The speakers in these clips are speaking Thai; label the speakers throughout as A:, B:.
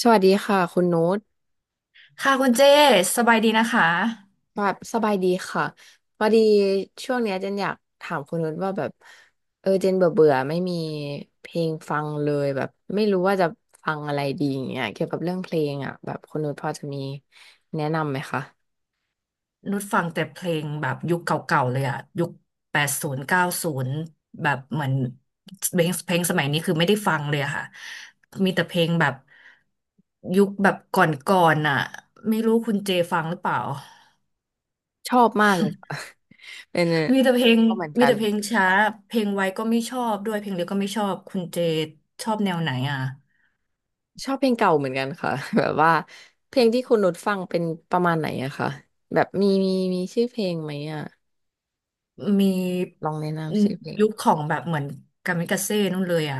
A: สวัสดีค่ะคุณโน้ต
B: ค่ะคุณเจสบายดีนะคะ
A: แบบสบายดีค่ะพอดี ช่วงเนี้ยเจนอยากถามคุณโน้ตว่าแบบเจนเบื่อเบื่อไม่มีเพลงฟังเลยแบบไม่รู้ว่าจะฟังอะไรดีอย่างเงี้ยเกี่ยวกับเรื่องเพลงอ่ะแบบคุณโน้ตพอจะมีแนะนำไหมคะ
B: นุชฟังแต่เพลงแบบยุคเก่าๆเลยอะยุคแปดศูนย์เก้าศูนย์แบบเหมือนเพลงสมัยนี้คือไม่ได้ฟังเลยอะค่ะมีแต่เพลงแบบยุคแบบก่อนๆอะไม่รู้คุณเจฟังหรือเปล่า
A: ชอบมากเลยค่ะ เป็น
B: มีแต่เพลง
A: ชอบเหมือน
B: มี
A: กัน
B: แต่เพลงช้าเพลงไวก็ไม่ชอบด้วยเพลงเร็วก็ไม่ชอบคุณเจชอบแนวไหนอะ
A: ชอบเพลงเก่าเหมือนกันค่ะ แบบว่าเพลงที่คุณโน้ตฟังเป็นประมาณไหนอะคะแบบมีชื่อเพลงไหมอะ
B: มี
A: ลองแนะนำชื่อเพลง
B: ยุคของแบบเหมือนกามิกาเซ่นู่นเลยอ่ะ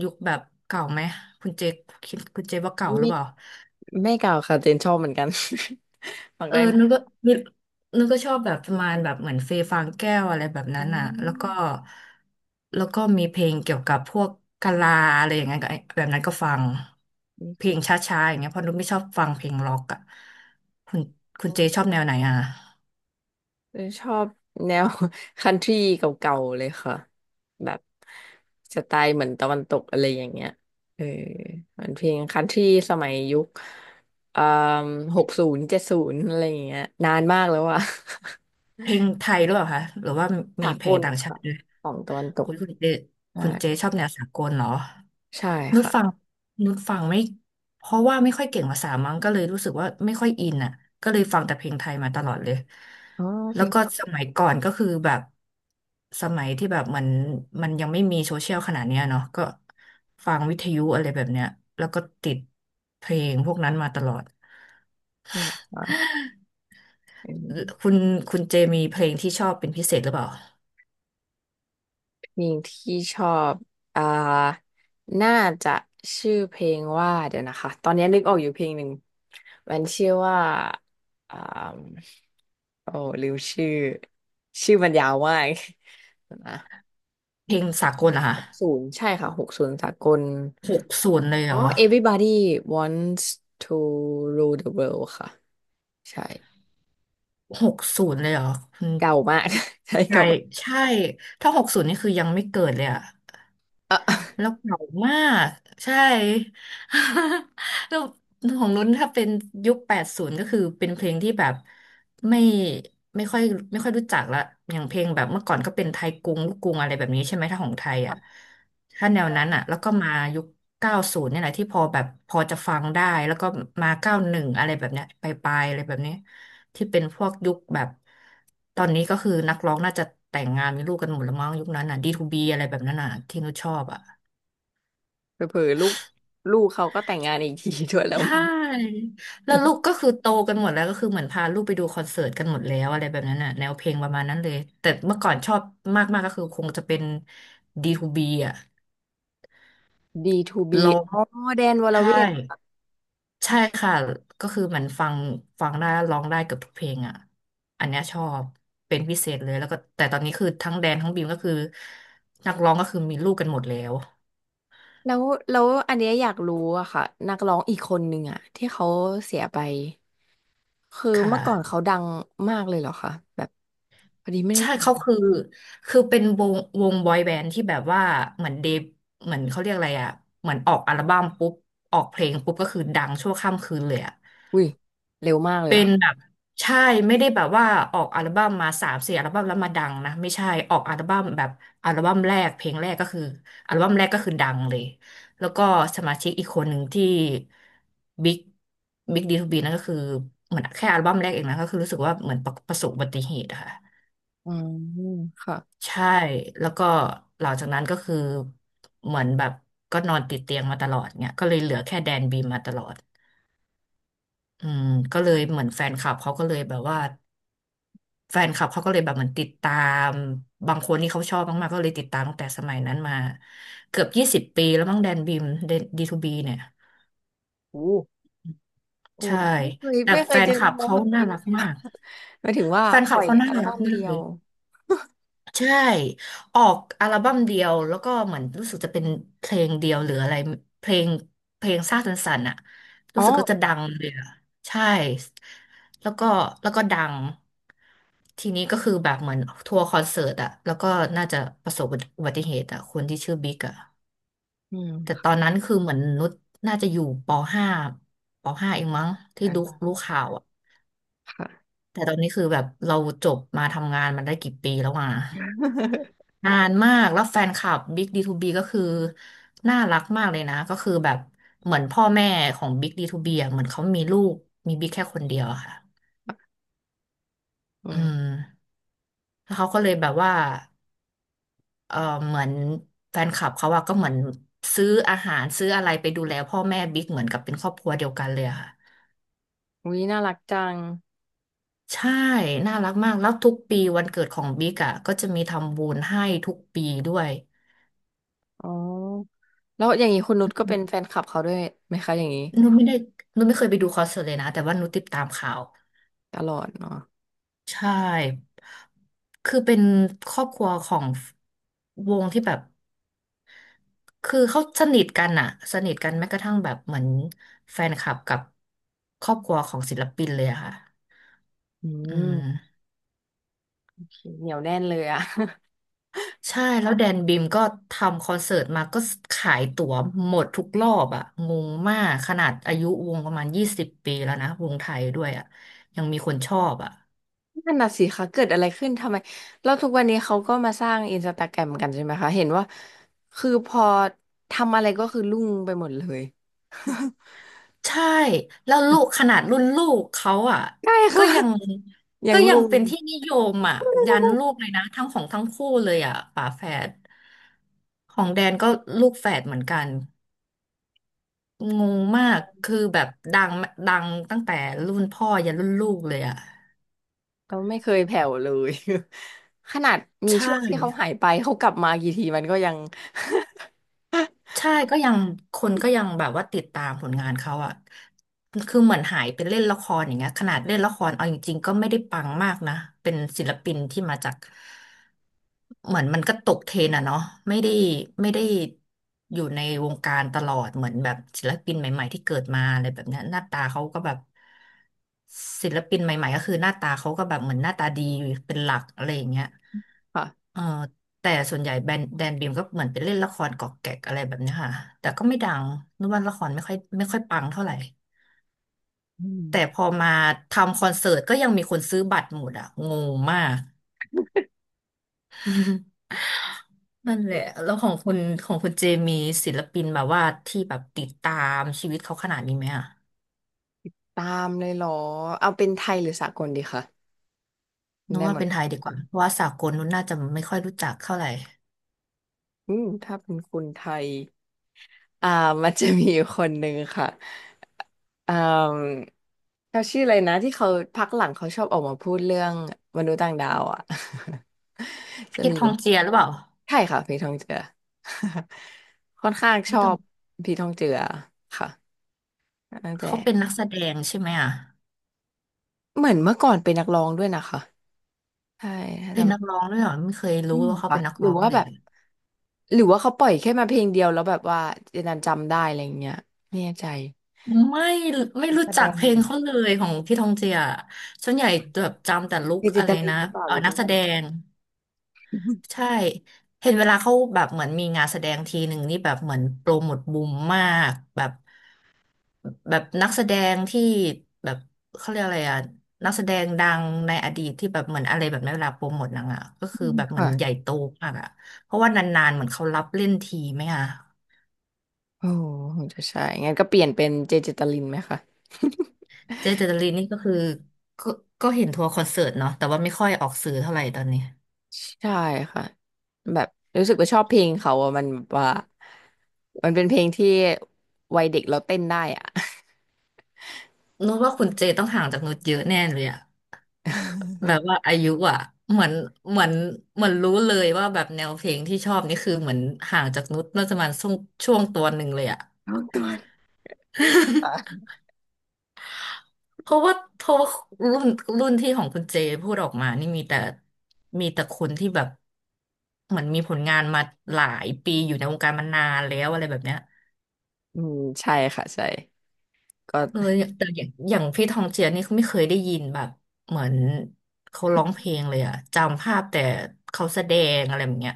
B: ยุคแบบเก่าไหมคุณเจคคิดคุณเจคว่าเก่าหรื
A: ไม่
B: อเปล่า
A: ไม่เก่าค่ะเจนชอบเหมือนกัน ฟัง
B: เออ
A: ได้หมด
B: นึกนึกก็ชอบแบบประมาณแบบเหมือนเฟยฟางแก้วอะไรแบบ
A: อ๋
B: นั้นอ่ะแล้วก็
A: อ
B: แล้วก็มีเพลงเกี่ยวกับพวกกะลาอะไรอย่างเงี้ยก็แบบนั้นก็ฟัง
A: นี่
B: เพล
A: คุ
B: ง
A: ณ
B: ช้าๆอย่างเงี้ยเพราะนุกไม่ชอบฟังเพลงร็อกอ่ะคุณคุณเจชอบแนวไหนอ่ะ
A: เจนชอบแนว คันทรีเก่าๆเลยค่ะแบบสไตล์เหมือนตะวันตกอะไรอย่างเงี้ยเออมันเพลงคันทรีสมัยยุคเอ่7หกศูนย์เจ็ดศูนย์อะไรอย่างเงี้ยนานมากแล้วอะ
B: เพลงไทยหรือเปล่าคะหรือว่า
A: สา
B: มีเพ
A: ก
B: ลง
A: ล
B: ต่างชา
A: ค่ะ
B: ติด้วย
A: ของตะวันตก
B: คุณคุณเจ
A: ใช่
B: คุณเจชอบแนวสากลเหรอ
A: ใช่
B: นุช
A: ค่ะ
B: ฟังนุชฟังไม่เพราะว่าไม่ค่อยเก่งภาษามั้งก็เลยรู้สึกว่าไม่ค่อยอินอ่ะก็เลยฟังแต่เพลงไทยมาตลอดเลย
A: อ๋อเพ
B: แล้
A: ล
B: ว
A: ง
B: ก็
A: น
B: สมัยก่อนก็คือแบบสมัยที่แบบมันยังไม่มีโซเชียลขนาดเนี้ยเนาะก็ฟังวิทยุอะไรแบบเนี้ยแล้วก็ติดเพลงพวกนั้นมาตลอด
A: ี้เหรอคะ
B: คุณคุณเจมีเพลงที่ชอบเป็นพิเศษหรือเปล่า
A: เพลงที่ชอบอ่าน่าจะชื่อเพลงว่าเดี๋ยวนะคะ ตอนนี้นึกออกอยู่เพลงหนึ่งมันชื่อว่าอ่าโอ้ลืมชื่อ ชื่อมันยาวมาก นะ
B: เพลงสากลเหรอคะ
A: หกศูนย์ใช่ค่ะหกศูนย์สากล
B: หกศูนย์เลยเห
A: อ๋
B: ร
A: อ
B: อ
A: Everybody wants to rule the world ค่ะ ใช่
B: หกศูนย์เลยเหรอคุณ
A: เก่ามาก ใช่
B: ใช่
A: เก่า
B: ย
A: มาก
B: ใช่ถ้าหกศูนย์นี่คือยังไม่เกิดเลยอะ แล้วเก่ามากใช่ แล้วของนุ้นถ้าเป็นยุค80ก็คือเป็นเพลงที่แบบไม่ไม่ค่อยไม่ค่อยรู้จักละอย่างเพลงแบบเมื่อก่อนก็เป็นไทยกรุงลูกกรุงอะไรแบบนี้ใช่ไหมถ้าของไทยอ่ะถ้าแนวนั้นอ่ะแล้วก็มายุค90เนี่ยแหละที่พอแบบพอจะฟังได้แล้วก็มา91อดอะไรแบบเนี้ยไปลายๆอะไรแบบนี้ที่เป็นพวกยุคแบบตอนนี้ก็คือนักร้องน่าจะแต่งงานมีลูกกันหมดแล้วมั้งยุคนั้นอ่ะ d บีอะไรแบบนั้นอ่ะที่นุชชอบอ่ะ
A: เออเผลอๆลูกเขาก็แต่งงานอีกที ด้วยแล้
B: ใช
A: วมัน
B: ่แล้วลูกก็คือโตกันหมดแล้วก็คือเหมือนพาลูกไปดูคอนเสิร์ตกันหมดแล้วอะไรแบบนั้นน่ะแนวเพลงประมาณนั้นเลยแต่เมื่อก่อนชอบมากๆก็คือคงจะเป็น D2B อ่ะ
A: D2B
B: ร้อง
A: อ๋อแดนวร
B: ใช่
A: เวท
B: ใช่ค่ะก็คือเหมือนฟังได้ร้องได้เกือบทุกเพลงอ่ะอันเนี้ยชอบเป็นพิเศษเลยแล้วก็แต่ตอนนี้คือทั้งแดนทั้งบีมก็คือนักร้องก็คือมีลูกกันหมดแล้ว
A: แล้วแล้วอันเนี้ยอยากรู้อะค่ะนักร้องอีกคนหนึ่งอะที่เขาเสียไป คือ
B: ค
A: เมื่อก่อนเขา
B: ่ะ
A: ดังมากเลยเหรอคะแบบพอดีไม่ได้
B: ใช่
A: ตา
B: เขา
A: ม
B: คือคือเป็นวงบอยแบนด์ที่แบบว่าเหมือนเดบเหมือนเขาเรียกอะไรอ่ะเหมือนออกอัลบั้มปุ๊บออกเพลงปุ๊บก็คือดังชั่วข้ามคืนเลยอ่ะ
A: อุ้ย เร็วมากเลย
B: เป็
A: เหรอ
B: น
A: คะ
B: แบบใช่ไม่ได้แบบว่าออกอัลบั้มมาสามสี่อัลบั้มแล้วมาดังนะไม่ใช่ออกอัลบั้มแบบอัลบั้มแรกเพลงแรกก็คืออัลบั้มแรกก็คือดังเลยแล้วก็สมาชิกอีกคนหนึ่งที่บิ๊กบิ๊กดีทูบีนั่นก็คือเหมือนแค่อัลบั้มแรกเองนะก็คือรู้สึกว่าเหมือนประสบอุบัติเหตุอะค่ะ
A: อืมค่ะ
B: ใช่แล้วก็หลังจากนั้นก็คือเหมือนแบบก็นอนติดเตียงมาตลอดเนี่ยก็เลยเหลือแค่แดนบีมมาตลอดอืมก็เลยเหมือนแฟนคลับเขาก็เลยแบบว่าแฟนคลับเขาก็เลยแบบเหมือนติดตามบางคนที่เขาชอบมากๆก็เลยติดตามตั้งแต่สมัยนั้นมาเกือบ20 ปีแล้วมั้งแดนบีมดีทูบีเนี่ย
A: โอ้โอ้
B: ใช่
A: ไม่เคย
B: แต่
A: ไม่เค
B: แฟ
A: ยเจ
B: น
A: อ
B: คลั
A: นัก
B: บ
A: ร้อง
B: เขา
A: แบบ
B: น่า
A: นี้เล
B: รัก
A: ย
B: มา
A: อะ
B: ก
A: หมายถึงว่า
B: แฟนค
A: ป
B: ลั
A: ล่
B: บ
A: อย
B: เขาน่า
A: อัล
B: รั
A: บั้
B: ก
A: ม
B: มา
A: เดี
B: ก
A: ย
B: เล
A: ว
B: ย ใช่ออกอัลบั้มเดียวแล้วก็เหมือนรู้สึกจะเป็นเพลงเดียวหรืออะไรเพลงเพลงซ่าสันสันอะ
A: อ๋
B: รู้สึกก็จะ
A: อ
B: ดังเลยอะใช่แล้วก็แล้วก็ดังทีนี้ก็คือแบบเหมือนทัวร์คอนเสิร์ตอะแล้วก็น่าจะประสบอุบัติเหตุอะคนที่ชื่อบิ๊กอะ
A: อื
B: แต่ต
A: ม
B: อนนั้นคือเหมือนนุชน่าจะอยู่ปห้าปห้าเองมั้งที่
A: อัน
B: รู้
A: นั้
B: รู้
A: น
B: ข่าวอะ
A: ค่ะ
B: แต่ตอนนี้คือแบบเราจบมาทำงานมันได้กี่ปีแล้วอะ นานมากแล้วแฟนคลับ Big ดีทูบีก็คือน่ารักมากเลยนะก็คือแบบเหมือนพ่อแม่ของ Big D2B อ่ะเหมือนเขามีลูกมี Big แค่คนเดียวอะค่ะ
A: อื
B: อื
A: ม
B: มแล้วเขาก็เลยแบบว่าเออเหมือนแฟนคลับเขาอะก็เหมือนซื้ออาหารซื้ออะไรไปดูแลพ่อแม่บิ๊กเหมือนกับเป็นครอบครัวเดียวกันเลยอะค่ะ
A: อุ้ย น่ารักจัง
B: ใช่น่ารักมากแล้วทุกปีวันเกิดของบิ๊กอะก็จะมีทำบุญให้ทุกปีด้วย
A: อ๋อแล้วอย่างนี้คุณนุชก็เป็นแฟนคลับเขาด้วยไหมคะอย่างนี้
B: นุชไม่ได้นุชไม่เคยไปดูคอนเสิร์ตเลยนะแต่ว่านุชติดตามข่าว
A: ตลอดเนาะ
B: ใช่ คือเป็นครอบครัวของวงที่แบบ คือเขาสนิทกันอะสนิทกันแม้กระทั่งแบบเหมือนแฟนคลับกับครอบครัวของศิลปินเลยอะค่ะ
A: อื
B: อื
A: ม
B: ม
A: โอเคเหนียวแน่นเลยอะ
B: ใช่ แล้วแดนบิมก็ทำคอนเสิร์ตมาก็ขายตั๋วหมดทุกรอบอะงงมากขนาดอายุวงประมาณยี่สิบปีแล้วนะวงไทยด้วยอะยังมีคนชอบอะ
A: นั่นน่ะสิคะเกิดอะไรขึ้นทำไมแล้วทุกวันนี้เขาก็มาสร้างอินสตาแกรมกันใช่ไหมคะเห็นว่าคือพอทำอะไรก็คือรุ่งไปหมดเลย
B: ใช่แล้วลูกขนาดรุ่นลูกเขาอ่ะ
A: ใช่
B: ก็
A: ค่ะ
B: ยัง
A: ยั
B: ก็
A: ง
B: ยั
A: รุ่
B: ง
A: ง
B: เป็นที่นิยมอ่ะยันลูกเลยนะทั้งของทั้งคู่เลยอ่ะฝาแฝดของแดนก็ลูกแฝดเหมือนกันงงมากคือแบบดังตั้งแต่รุ่นพ่อยันรุ่นลูกเลยอ่ะ
A: แล้วไม่เคยแผ่วเลย ขนาดมี
B: ใช่
A: ช่วงที่เขาหายไปเขากลับมากี่ทีมันก็ยัง
B: ใช่ก็ยังคนก็ยังแบบว่าติดตามผลงานเขาอ่ะคือเหมือนหายไปเล่นละครอย่างเงี้ยขนาดเล่นละครเอาจริงๆก็ไม่ได้ปังมากนะเป็นศิลปินที่มาจาก เหมือนมันก็ตกเทรนด์อะเนาะไม่ได้ไม่ได้อยู่ในวงการตลอดเหมือนแบบศิลปินใหม่ๆที่เกิดมาอะไรแบบเนี้ยหน้าตาเขาก็แบบศิลปินใหม่ๆก็คือหน้าตาเขาก็แบบเหมือนหน้าตาดีเป็นหลักอะไรอย่างเงี้ย
A: ค่ะ
B: เออแต่ส่วนใหญ่แบรนด์แดนบีมก็เหมือนไปเล่นละครกอกแกกอะไรแบบเนี้ยค่ะแต่ก็ไม่ดังนึกว่าละครไม่ค่อยปังเท่าไหร่
A: อืม
B: แต่พอมาทำคอนเสิร์ตก็ยังมีคนซื้อบัตรหมดอะงงมาก นั่นแหละแล้วของคุณเจมีศิลปินแบบว่าที่แบบติดตามชีวิตเขาขนาดนี้ไหมอ่ะ
A: ตามเลยเหรอเอาเป็นไทยหรือสากลดีคะ
B: นึก
A: ได้ห
B: ว่า
A: มด
B: เป็น
A: เล
B: ไท
A: ย
B: ยดีกว่าเพราะว่าสากลนู้นน่าจะไม่ค่อยรู้จักเท่าไหร่
A: อืมถ้าเป็นคุณไทยอ่ามันจะมีอยู่คนหนึ่งค่ะอ่าเขาชื่ออะไรนะที่เขาพักหลังเขาชอบออกมาพูดเรื่องมนุษย์ต่างดาวอ่ะ จะ
B: พี่
A: มี
B: ท
A: อ
B: อ
A: ยู่
B: งเจียหรือเปล่า
A: ใช่ค่ะผีทองเจือ ค่อนข้างช
B: พี่
A: อ
B: ทอง
A: บผีทองเจือค่ะตั้งแต่
B: เขาเป็นนักแสดงใช่ไหมอ่ะ
A: เหมือนเมื่อก่อนเป็นนักร้องด้วยนะคะใช่ถ้า
B: เป็น
A: จำ
B: นักร้องด้วยเหรอไม่เคย
A: อื
B: รู้
A: มเหร
B: ว่า
A: อ
B: เขา
A: ค่ะ
B: เป็นนัก
A: หรื
B: ร้
A: อ
B: อง
A: ว่า
B: เล
A: แบ
B: ย
A: บ หรือว่าเขาปล่อยแค่มาเพลงเดียวแล้วแบบว่าเจนนันจำได้อะไรอย่างเงี้ยไม่แน่ใจ
B: ไม่ไม่รู้
A: แสด
B: จัก
A: ง
B: เพล
A: เหร
B: ง
A: อ
B: เขาเลยของพี่ทองเจียส่วนใหญ่แบบจำแต่ลุค
A: เจเจ
B: อะ
A: ต
B: ไร
A: ลิน
B: นะ
A: หรือเปล่าหรือเจ
B: นัก
A: นิ
B: แส
A: จัน
B: ดง ใช่เห็นเวลาเขาแบบเหมือนมีงานแสดงทีหนึ่งนี่แบบเหมือนโปรโมทบูมมากแบบนักแสดงที่แบบเขาเรียกอะไรอะนักแสดงดังในอดีตที่แบบเหมือนอะไรแบบในเวลาโปรโมทหนังอะก็
A: ื
B: คือแบบเหมือ
A: ค่ะ
B: นใหญ่โตมากอะเพราะว่านานๆเหมือนเขารับเล่นทีไหมอะ
A: โอ้โหคงจะใช่งั้นก็เปลี่ยนเป็นเจเจตลินไหมคะ
B: เจเจตลินนี่ก็คือก็ก็เห็นทัวร์คอนเสิร์ตเนาะแต่ว่าไม่ค่อยออกสื่อเท่าไหร่ตอนนี้
A: ใช่ค่ะแบบรู้สึกว่าชอบเพลงเขาอะมันแบบว่ามันเป็นเพลงที่วัยเด็กเราเต้นได้อ่ะ
B: นุชว่าคุณเจต้องห่างจากนุชเยอะแน่เลยอะ แบบว่าอายุอ่ะเหมือนเหมือนเหมือนรู้เลยว่าแบบแนวเพลงที่ชอบนี่คือเหมือนห่างจากนุชน่าจะประมาณช่วงตัวหนึ่งเลยอ่ะ
A: น้องตัว น
B: เพราะว่ารุ่นรุ่นที่ของคุณเจพูดออกมานี่มีแต่คนที่แบบเหมือนมีผลงานมาหลายปีอยู่ในวงการมานานแล้วอะไรแบบเนี้ย
A: อืมใช่ค่ะใช่ก็
B: อย่างแต่อย่างพี่ทองเจียนี่เขาไม่เคยได้ยินแบบเหมือนเขาร้องเพลงเลยอะจำภาพแต่เขาแสดงอะไรแบบเนี้ย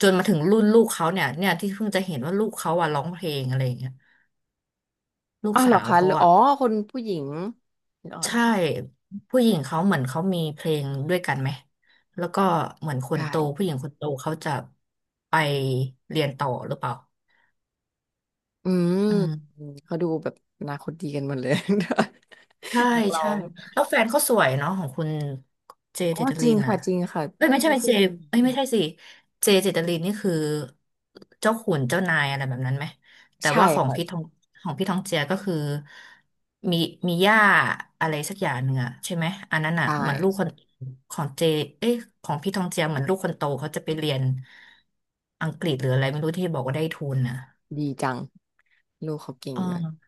B: จนมาถึงรุ่นลูกเขาเนี่ยที่เพิ่งจะเห็นว่าลูกเขาอะร้องเพลงอะไรอย่างเงี้ยลูก
A: อ๋อเห
B: สา
A: รอ
B: ว
A: คะห
B: เขา
A: รืออ๋
B: อะ
A: อคนผู้หญิงหรือ๋ออะไร
B: ใช่ผู้หญิงเขาเหมือนเขามีเพลงด้วยกันไหมแล้วก็เหมือนคนโตผู้
A: ใช่
B: หญิงคนโตเขาจะไปเรียนต่อหรือเปล่า
A: อืม
B: อืม
A: อืมเขาดูแบบอนาคตดีกันหมดเลย
B: ใช่
A: นักร้อ
B: ใช่
A: ง
B: แล้วแฟนเขาสวยเนาะของคุณเจ
A: อ๋อ
B: เจต
A: จ
B: ลิ
A: ริง
B: นอ่ะ
A: ค่ะจริงค่ะ
B: เอ้ยไม่ใช่
A: พี่
B: ไม่
A: เพิ่
B: เจ
A: งดู
B: เอ้ยไม่ใช่สิเจเจตลินนี่คือเจ้าขุนเจ้านายอะไรแบบนั้นไหมแต่
A: ใช่
B: ว่าของ
A: ค่ะ
B: พี่ทองของพี่ทองเจียก็คือมีมีย่าอะไรสักอย่างหนึ่งอะใช่ไหมอันนั้น
A: ใช
B: อ่ะเหมือนลูกค
A: ่
B: นของเจเอ้ยของพี่ทองเจียเหมือนลูกคนโตเขาจะไปเรียนอังกฤษหรืออะไรไม่รู้ที่บอกว่าได้ทุนอ่ะ
A: ดีจังลูกเขาเก่ง
B: เอ
A: เลย
B: อ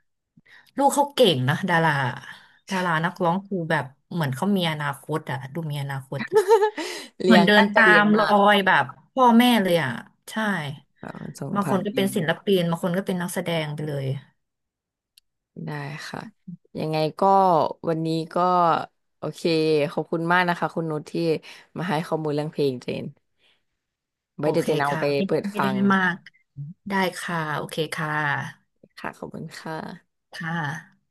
B: ลูกเขาเก่งนะดารานักร้องคือแบบเหมือนเขามีอนาคตอะดูมีอนาคต เห
A: เลี้
B: มือ
A: ย
B: น
A: ง
B: เดิ
A: ตั้
B: น
A: งใจ
B: ตา
A: เลี้ย
B: ม
A: ง
B: รอ
A: มาก
B: ยแบบพ่อแม่เลยอะใช่
A: ค่ะส่ง
B: บางค
A: ผ่า
B: น
A: น
B: ก็
A: อี
B: เป็น
A: ม
B: ศิลปินบางคนก็เป็นนักแสดงไปเลย
A: ได้ค่ะยังไงก็วันนี้ก็โอเคขอบคุณมากนะคะคุณนุชที่มาให้ข้อมูลเรื่องเพลงเจน
B: โอ
A: ไว้เดี๋ย
B: เค
A: วเจนเอา
B: ค่ะ
A: ไป
B: ไม่
A: เปิด
B: ไม่
A: ฟั
B: ได้
A: ง
B: ให้มากได้ค่ะโอเคค่ะ
A: ค่ะขอบคุณค่ะ
B: ค่ะ